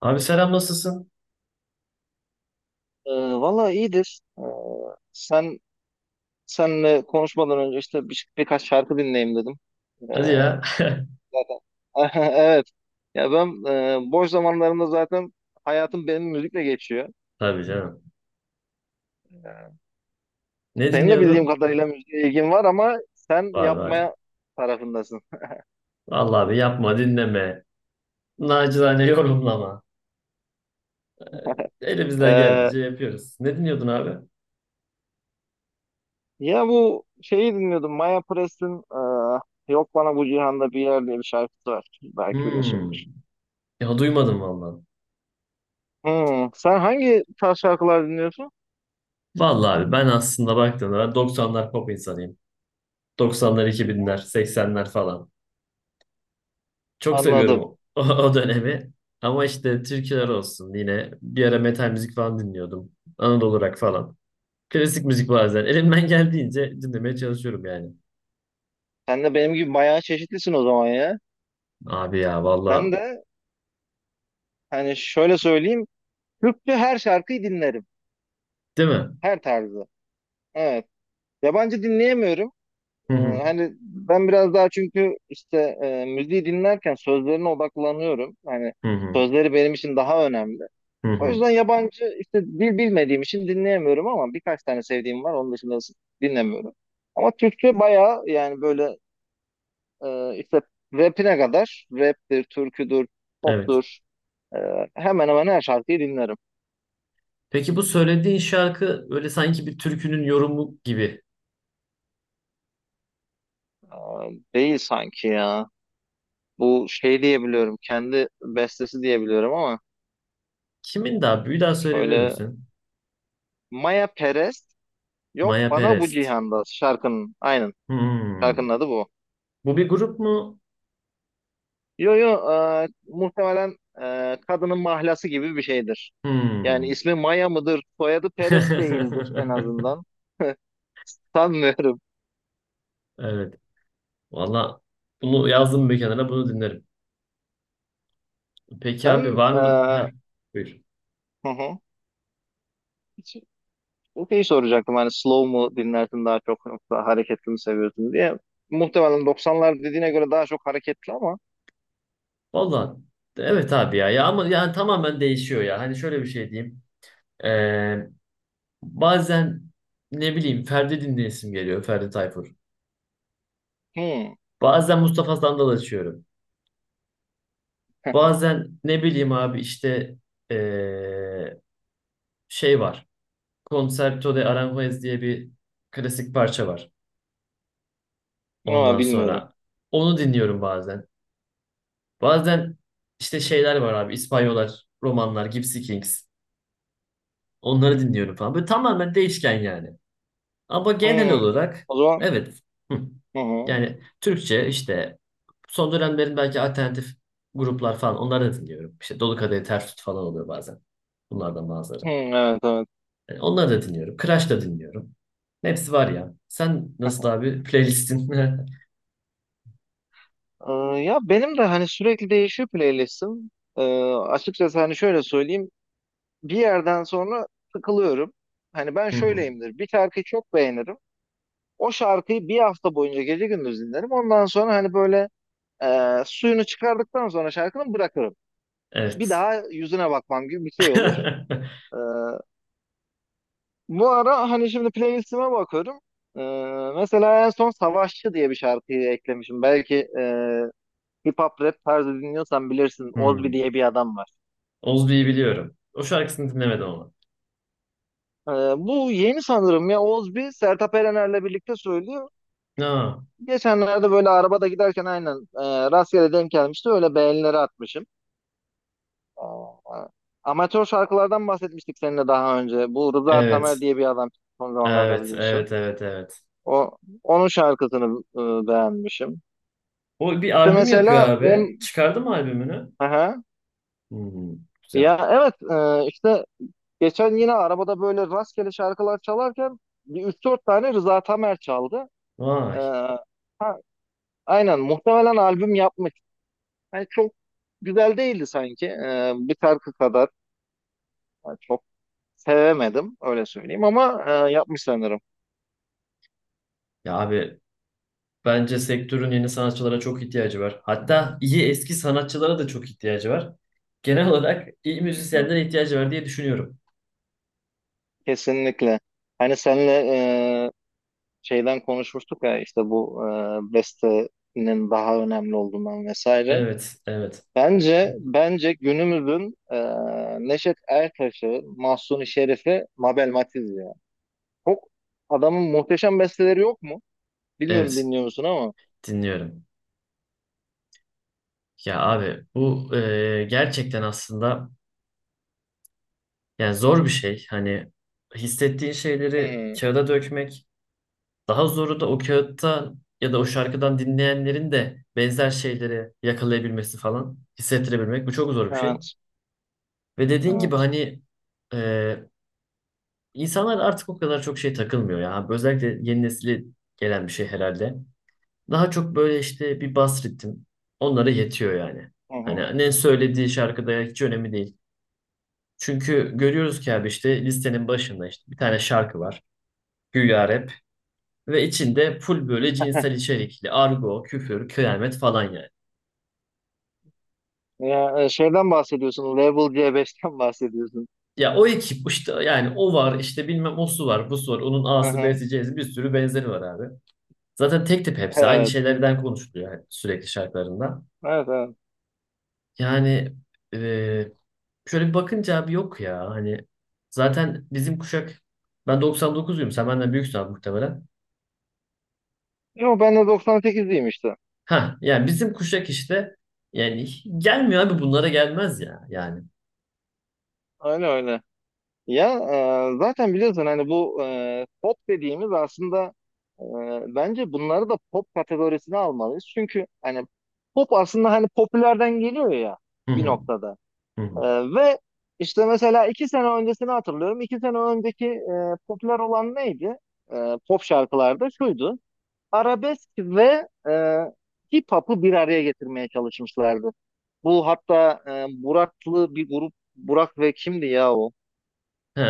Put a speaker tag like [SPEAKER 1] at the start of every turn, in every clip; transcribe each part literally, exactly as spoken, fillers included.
[SPEAKER 1] Abi selam nasılsın?
[SPEAKER 2] Ee, valla iyidir. Ee, sen senle konuşmadan önce işte bir, birkaç şarkı dinleyeyim dedim.
[SPEAKER 1] Hadi
[SPEAKER 2] Ee,
[SPEAKER 1] ya.
[SPEAKER 2] zaten evet. Ya ben e, boş zamanlarımda zaten hayatım benim müzikle geçiyor.
[SPEAKER 1] Tabii canım. Ne
[SPEAKER 2] Senin de bildiğim
[SPEAKER 1] dinliyordun?
[SPEAKER 2] kadarıyla müziğe ilgin var ama sen
[SPEAKER 1] Var var.
[SPEAKER 2] yapmaya tarafındasın.
[SPEAKER 1] Vallahi abi yapma dinleme. Nacizane yorumlama. Elimizden
[SPEAKER 2] Ee,
[SPEAKER 1] geldiğince yapıyoruz. Ne dinliyordun abi?
[SPEAKER 2] ya bu şeyi dinliyordum. Maya Press'in e, Yok Bana Bu Cihanda Bir Yer diye bir şarkısı var. Belki
[SPEAKER 1] Hmm.
[SPEAKER 2] biliyorsundur.
[SPEAKER 1] Ya duymadım vallahi.
[SPEAKER 2] Hmm, sen hangi tarz şarkılar dinliyorsun?
[SPEAKER 1] Vallahi abi ben aslında baktığımda ben doksanlar pop insanıyım. doksanlar iki binler seksenler falan. Çok seviyorum o,
[SPEAKER 2] Anladım.
[SPEAKER 1] o, o dönemi. Ama işte türküler olsun yine bir ara metal müzik falan dinliyordum. Anadolu rock falan. Klasik müzik bazen. Elimden geldiğince dinlemeye çalışıyorum yani.
[SPEAKER 2] Sen de benim gibi bayağı çeşitlisin o zaman ya.
[SPEAKER 1] Abi ya
[SPEAKER 2] Ben
[SPEAKER 1] valla
[SPEAKER 2] de hani şöyle söyleyeyim. Türkçe her şarkıyı dinlerim.
[SPEAKER 1] değil mi?
[SPEAKER 2] Her tarzı. Evet. Yabancı dinleyemiyorum.
[SPEAKER 1] Hı
[SPEAKER 2] Ee,
[SPEAKER 1] hı
[SPEAKER 2] hani ben biraz daha çünkü işte e, müziği dinlerken sözlerine odaklanıyorum. Hani
[SPEAKER 1] hı hı
[SPEAKER 2] sözleri benim için daha önemli.
[SPEAKER 1] hı
[SPEAKER 2] O
[SPEAKER 1] hı.
[SPEAKER 2] yüzden yabancı işte dil bilmediğim için dinleyemiyorum ama birkaç tane sevdiğim var. Onun dışında dinlemiyorum. Ama Türkçe bayağı yani böyle e, işte rapine kadar raptir, türküdür,
[SPEAKER 1] Evet.
[SPEAKER 2] poptur. Ee, hemen hemen her şarkıyı dinlerim.
[SPEAKER 1] Peki bu söylediğin şarkı öyle sanki bir türkünün yorumu gibi.
[SPEAKER 2] Ee, değil sanki ya. Bu şey diyebiliyorum. Kendi bestesi diyebiliyorum ama
[SPEAKER 1] Kimin daha? Bir daha söyleyebilir
[SPEAKER 2] şöyle,
[SPEAKER 1] misin?
[SPEAKER 2] Maya Perez, yok
[SPEAKER 1] Maya
[SPEAKER 2] bana bu
[SPEAKER 1] Perest.
[SPEAKER 2] cihanda şarkının, aynen,
[SPEAKER 1] Hmm.
[SPEAKER 2] şarkının adı bu.
[SPEAKER 1] Bu bir grup mu?
[SPEAKER 2] Yo yo, e, muhtemelen e, kadının mahlası gibi bir şeydir. Yani
[SPEAKER 1] Hmm.
[SPEAKER 2] ismi Maya mıdır? Soyadı Perez değildir en azından. Sanmıyorum.
[SPEAKER 1] Evet. Valla bunu yazdım bir kenara bunu dinlerim. Peki
[SPEAKER 2] Sen
[SPEAKER 1] abi var
[SPEAKER 2] e,
[SPEAKER 1] mı? Heh, buyur.
[SPEAKER 2] hı hı. Şeyi soracaktım hani slow mu dinlersin daha çok yoksa hareketli mi seviyorsun diye. Muhtemelen doksanlar dediğine göre daha çok hareketli ama
[SPEAKER 1] Valla evet abi ya. Ya ama yani tamamen değişiyor ya. Hani şöyle bir şey diyeyim. Bazen ne bileyim Ferdi dinleyesim geliyor. Ferdi Tayfur.
[SPEAKER 2] hmm,
[SPEAKER 1] Bazen Mustafa Sandal açıyorum. Bazen ne bileyim abi işte eee, şey var. Concerto de Aranjuez diye bir klasik parça var.
[SPEAKER 2] ama
[SPEAKER 1] Ondan
[SPEAKER 2] bilmiyorum.
[SPEAKER 1] sonra onu dinliyorum bazen. Bazen işte şeyler var abi. İspanyollar, romanlar, Gypsy Kings. Onları dinliyorum falan. Böyle tamamen değişken yani. Ama genel
[SPEAKER 2] Hmm.
[SPEAKER 1] olarak
[SPEAKER 2] O zaman,
[SPEAKER 1] evet. Hı.
[SPEAKER 2] hı hı.
[SPEAKER 1] Yani Türkçe işte son dönemlerin belki alternatif gruplar falan onları da dinliyorum. İşte Dolu Kadehi Ters Tut falan oluyor bazen. Bunlardan
[SPEAKER 2] Hmm,
[SPEAKER 1] bazıları.
[SPEAKER 2] evet, evet.
[SPEAKER 1] Yani onları da dinliyorum. Crash da dinliyorum. Hepsi var ya. Sen nasıl abi playlistin?
[SPEAKER 2] Ee, ya benim de hani sürekli değişiyor playlistim. Ee, açıkçası hani şöyle söyleyeyim. Bir yerden sonra sıkılıyorum. Hani ben
[SPEAKER 1] Hı hı.
[SPEAKER 2] şöyleyimdir. Bir şarkıyı çok beğenirim. O şarkıyı bir hafta boyunca gece gündüz dinlerim. Ondan sonra hani böyle e, suyunu çıkardıktan sonra şarkının bırakırım. Bir
[SPEAKER 1] Evet.
[SPEAKER 2] daha yüzüne bakmam gibi bir şey olur. Ee, bu ara hani şimdi playlistime bakıyorum. Ee, mesela en son Savaşçı diye bir şarkıyı eklemişim. Belki e, hip hop rap tarzı dinliyorsan bilirsin. Ozbi
[SPEAKER 1] Hmm.
[SPEAKER 2] diye bir adam var.
[SPEAKER 1] Ozbi'yi biliyorum. O şarkısını dinlemedim ama.
[SPEAKER 2] Ee, bu yeni sanırım, ya Ozbi Sertab Erener'le birlikte söylüyor.
[SPEAKER 1] Aa,
[SPEAKER 2] Geçenlerde böyle arabada giderken aynen e, rastgele denk gelmişti. Öyle beğenileri atmışım. Aa, amatör şarkılardan bahsetmiştik seninle daha önce. Bu Rıza
[SPEAKER 1] evet.
[SPEAKER 2] Tamer diye bir adam son zamanlarda
[SPEAKER 1] Evet,
[SPEAKER 2] biliyorsun.
[SPEAKER 1] evet, evet, evet.
[SPEAKER 2] O onun şarkısını e, beğenmişim.
[SPEAKER 1] O bir
[SPEAKER 2] İşte
[SPEAKER 1] albüm yapıyor
[SPEAKER 2] mesela
[SPEAKER 1] abi.
[SPEAKER 2] on.
[SPEAKER 1] Çıkardı mı albümünü?
[SPEAKER 2] Aha.
[SPEAKER 1] Hmm, güzel.
[SPEAKER 2] Ya evet, e, işte geçen yine arabada böyle rastgele şarkılar çalarken bir üç dört tane Rıza Tamer çaldı. E,
[SPEAKER 1] Vay.
[SPEAKER 2] ha, aynen muhtemelen albüm yapmış. Yani çok güzel değildi sanki. E, bir şarkı kadar yani çok sevemedim öyle söyleyeyim ama e, yapmış sanırım.
[SPEAKER 1] Ya abi bence sektörün yeni sanatçılara çok ihtiyacı var. Hatta iyi eski sanatçılara da çok ihtiyacı var. Genel olarak iyi
[SPEAKER 2] Kesinlikle.
[SPEAKER 1] müzisyenlere ihtiyacı var diye düşünüyorum.
[SPEAKER 2] Kesinlikle. Hani senle e, şeyden konuşmuştuk ya işte bu e, bestenin daha önemli olduğundan vesaire.
[SPEAKER 1] Evet, evet,
[SPEAKER 2] Bence bence günümüzün e, Neşet Ertaş'ı, Mahsuni Şerif'i, Mabel Matiz ya. Çok adamın muhteşem besteleri yok mu? Bilmiyorum
[SPEAKER 1] evet.
[SPEAKER 2] dinliyor musun ama.
[SPEAKER 1] Dinliyorum. Ya abi bu e, gerçekten aslında yani zor bir şey. Hani hissettiğin
[SPEAKER 2] Hı
[SPEAKER 1] şeyleri
[SPEAKER 2] hı.
[SPEAKER 1] kağıda dökmek. Daha zoru da o kağıtta ya da o şarkıdan dinleyenlerin de benzer şeyleri yakalayabilmesi falan hissettirebilmek. Bu çok zor bir şey.
[SPEAKER 2] Evet,
[SPEAKER 1] Ve dediğin gibi
[SPEAKER 2] evet.
[SPEAKER 1] hani e, insanlar artık o kadar çok şey takılmıyor ya. Özellikle yeni nesile gelen bir şey herhalde. Daha çok böyle işte bir bas ritim onlara yetiyor yani.
[SPEAKER 2] Hı hı.
[SPEAKER 1] Hani ne söylediği şarkıda hiç önemli değil. Çünkü görüyoruz ki abi işte listenin başında işte bir tane şarkı var. Güya rap ve içinde full böyle cinsel içerikli argo, küfür, kıyamet falan yani.
[SPEAKER 2] Ya, e, şeyden bahsediyorsun, Level C beşten bahsediyorsun.
[SPEAKER 1] Ya o ekip işte yani o var işte bilmem o su var bu su var onun
[SPEAKER 2] Hı
[SPEAKER 1] A'sı
[SPEAKER 2] hı.
[SPEAKER 1] B'si C'si bir sürü benzeri var abi. Zaten tek tip hepsi. Aynı
[SPEAKER 2] Evet,
[SPEAKER 1] şeylerden konuşuluyor yani sürekli şarkılarında.
[SPEAKER 2] evet, evet.
[SPEAKER 1] Yani e, şöyle bir bakınca abi yok ya. Hani zaten bizim kuşak ben doksan dokuzluyum. Sen benden büyüksün abi muhtemelen.
[SPEAKER 2] Yok, ben de doksan sekizliyim işte.
[SPEAKER 1] Ha yani bizim kuşak işte yani gelmiyor abi bunlara gelmez ya yani.
[SPEAKER 2] Öyle öyle. Ya e, zaten biliyorsun hani bu e, pop dediğimiz aslında, e, bence bunları da pop kategorisine almalıyız. Çünkü hani pop aslında hani popülerden geliyor ya
[SPEAKER 1] Hı
[SPEAKER 2] bir
[SPEAKER 1] hı,
[SPEAKER 2] noktada.
[SPEAKER 1] hı
[SPEAKER 2] E,
[SPEAKER 1] hı.
[SPEAKER 2] ve işte mesela iki sene öncesini hatırlıyorum. İki sene önceki e, popüler olan neydi? E, pop şarkılarda şuydu. Arabesk ve e, hip hop'u bir araya getirmeye çalışmışlardı. Bu hatta e, Burak'lı bir grup, Burak ve kimdi ya o?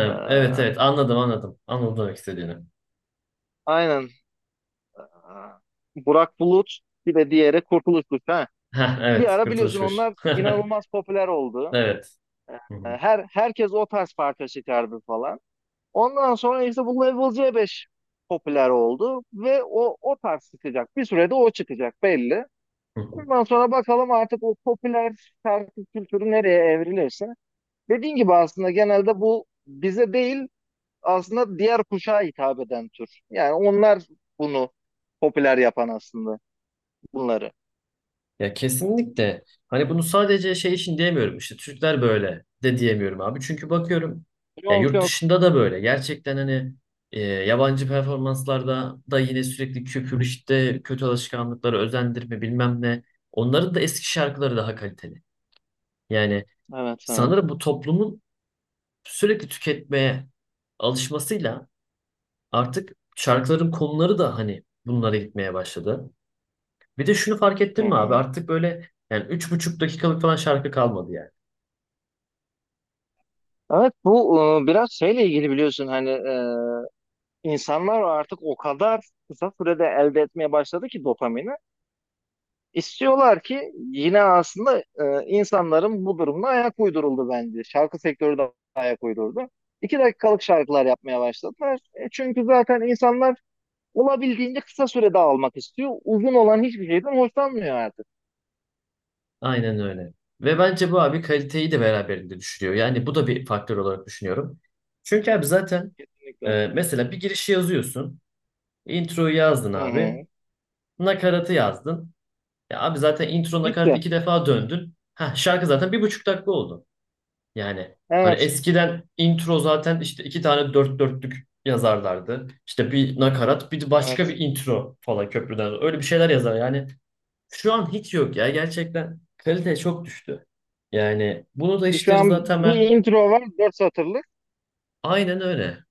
[SPEAKER 2] E,
[SPEAKER 1] evet evet anladım anladım. Anladım demek istediğini.
[SPEAKER 2] Aynen. Burak Bulut, bir de diğeri Kurtuluş Kuşu. Ha.
[SPEAKER 1] Ha
[SPEAKER 2] Bir
[SPEAKER 1] evet
[SPEAKER 2] ara
[SPEAKER 1] Kurtuluş
[SPEAKER 2] biliyorsun
[SPEAKER 1] Kuş.
[SPEAKER 2] onlar inanılmaz popüler oldu.
[SPEAKER 1] Evet.
[SPEAKER 2] Ee,
[SPEAKER 1] Hı hı,
[SPEAKER 2] Her herkes o tarz parça çıkardı falan. Ondan sonra işte bu Level C beş popüler oldu ve o o tarz çıkacak. Bir sürede o çıkacak belli.
[SPEAKER 1] hı hı.
[SPEAKER 2] Ondan sonra bakalım artık o popüler şarkı kültürü nereye evrilirse. Dediğin gibi aslında genelde bu bize değil, aslında diğer kuşağa hitap eden tür. Yani onlar bunu popüler yapan aslında, bunları.
[SPEAKER 1] Ya kesinlikle. Hani bunu sadece şey için diyemiyorum. İşte Türkler böyle de diyemiyorum abi. Çünkü bakıyorum ya
[SPEAKER 2] Yok
[SPEAKER 1] yurt
[SPEAKER 2] yok.
[SPEAKER 1] dışında da böyle. Gerçekten hani e, yabancı performanslarda da yine sürekli küfür işte kötü alışkanlıkları özendirme bilmem ne. Onların da eski şarkıları daha kaliteli. Yani
[SPEAKER 2] Evet evet.
[SPEAKER 1] sanırım bu toplumun sürekli tüketmeye alışmasıyla artık şarkıların konuları da hani bunlara gitmeye başladı. Bir de şunu fark
[SPEAKER 2] Hı
[SPEAKER 1] ettin mi abi?
[SPEAKER 2] hı.
[SPEAKER 1] Artık böyle yani üç buçuk dakikalık falan şarkı kalmadı yani.
[SPEAKER 2] Evet bu e, biraz şeyle ilgili biliyorsun hani, e, insanlar artık o kadar kısa sürede elde etmeye başladı ki dopamini. İstiyorlar ki yine aslında e, insanların bu durumuna ayak uyduruldu bence. Şarkı sektörü de ayak uydurdu. İki dakikalık şarkılar yapmaya başladılar. E, çünkü zaten insanlar olabildiğince kısa sürede almak istiyor. Uzun olan hiçbir şeyden hoşlanmıyor artık.
[SPEAKER 1] Aynen öyle. Ve bence bu abi kaliteyi de beraberinde düşürüyor. Yani bu da bir faktör olarak düşünüyorum. Çünkü abi zaten
[SPEAKER 2] Kesinlikle.
[SPEAKER 1] e, mesela bir girişi yazıyorsun. Introyu yazdın
[SPEAKER 2] Hı
[SPEAKER 1] abi.
[SPEAKER 2] hı.
[SPEAKER 1] Nakaratı yazdın. Ya abi zaten intro nakarat
[SPEAKER 2] Bitti.
[SPEAKER 1] iki defa döndün. Ha şarkı zaten bir buçuk dakika oldu. Yani hani
[SPEAKER 2] Evet.
[SPEAKER 1] eskiden intro zaten işte iki tane dört dörtlük yazarlardı. İşte bir nakarat, bir de başka bir
[SPEAKER 2] Evet.
[SPEAKER 1] intro falan köprüden. Öyle bir şeyler yazar. Yani şu an hiç yok ya. Gerçekten kalite çok düştü. Yani bunu da işte
[SPEAKER 2] Şu
[SPEAKER 1] Rıza
[SPEAKER 2] an bir
[SPEAKER 1] Temer
[SPEAKER 2] intro var dört satırlık.
[SPEAKER 1] aynen öyle.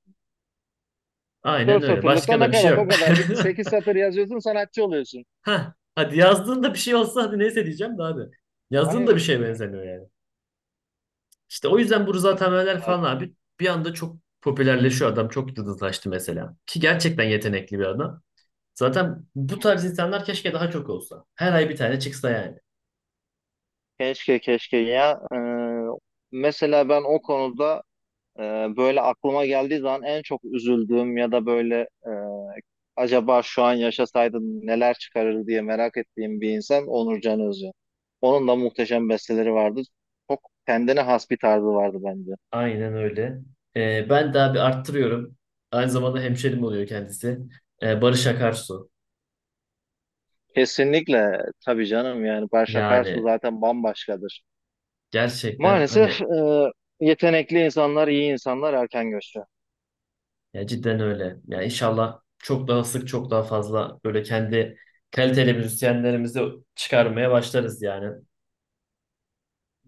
[SPEAKER 1] Aynen
[SPEAKER 2] Dört
[SPEAKER 1] öyle.
[SPEAKER 2] satırlıkta
[SPEAKER 1] Başka da bir şey
[SPEAKER 2] nakarat o
[SPEAKER 1] yok.
[SPEAKER 2] kadar bitti. Sekiz satır yazıyorsun sanatçı oluyorsun.
[SPEAKER 1] ha hadi yazdığında bir şey olsa hadi neyse diyeceğim de abi. Yazdığında bir
[SPEAKER 2] Aynen.
[SPEAKER 1] şeye benzemiyor yani. İşte o yüzden bu Rıza Temeller falan abi bir anda çok popülerleşiyor adam. Çok yıldızlaştı mesela. Ki gerçekten yetenekli bir adam. Zaten bu tarz insanlar keşke daha çok olsa. Her ay bir tane çıksa yani.
[SPEAKER 2] Keşke keşke ya. Ee, mesela ben o konuda e, böyle aklıma geldiği zaman en çok üzüldüğüm ya da böyle e, acaba şu an yaşasaydım neler çıkarır diye merak ettiğim bir insan Onur Can Özcan. Onun da muhteşem besteleri vardı. Çok kendine has bir tarzı vardı bence.
[SPEAKER 1] Aynen öyle. Ee, ben daha bir arttırıyorum. Aynı zamanda hemşerim oluyor kendisi. Ee, Barış Akarsu.
[SPEAKER 2] Kesinlikle tabii canım, yani Barış Akarsu
[SPEAKER 1] Yani
[SPEAKER 2] zaten bambaşkadır.
[SPEAKER 1] gerçekten
[SPEAKER 2] Maalesef
[SPEAKER 1] hani
[SPEAKER 2] e, yetenekli insanlar, iyi insanlar erken göçüyor.
[SPEAKER 1] ya cidden öyle. Yani inşallah çok daha sık çok daha fazla böyle kendi kaliteli müzisyenlerimizi çıkarmaya başlarız yani.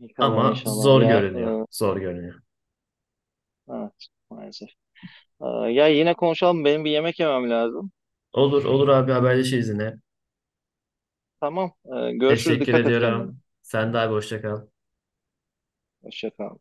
[SPEAKER 2] İnşallah
[SPEAKER 1] Ama
[SPEAKER 2] inşallah
[SPEAKER 1] zor
[SPEAKER 2] ya,
[SPEAKER 1] görünüyor. Zor görünüyor.
[SPEAKER 2] e, evet maalesef. E, ya yine konuşalım, benim bir yemek yemem lazım.
[SPEAKER 1] Olur olur abi haberleşiriz yine.
[SPEAKER 2] Tamam, e, görüşürüz,
[SPEAKER 1] Teşekkür
[SPEAKER 2] dikkat et kendine.
[SPEAKER 1] ediyorum. Sen de abi hoşça kal.
[SPEAKER 2] Hoşça kal.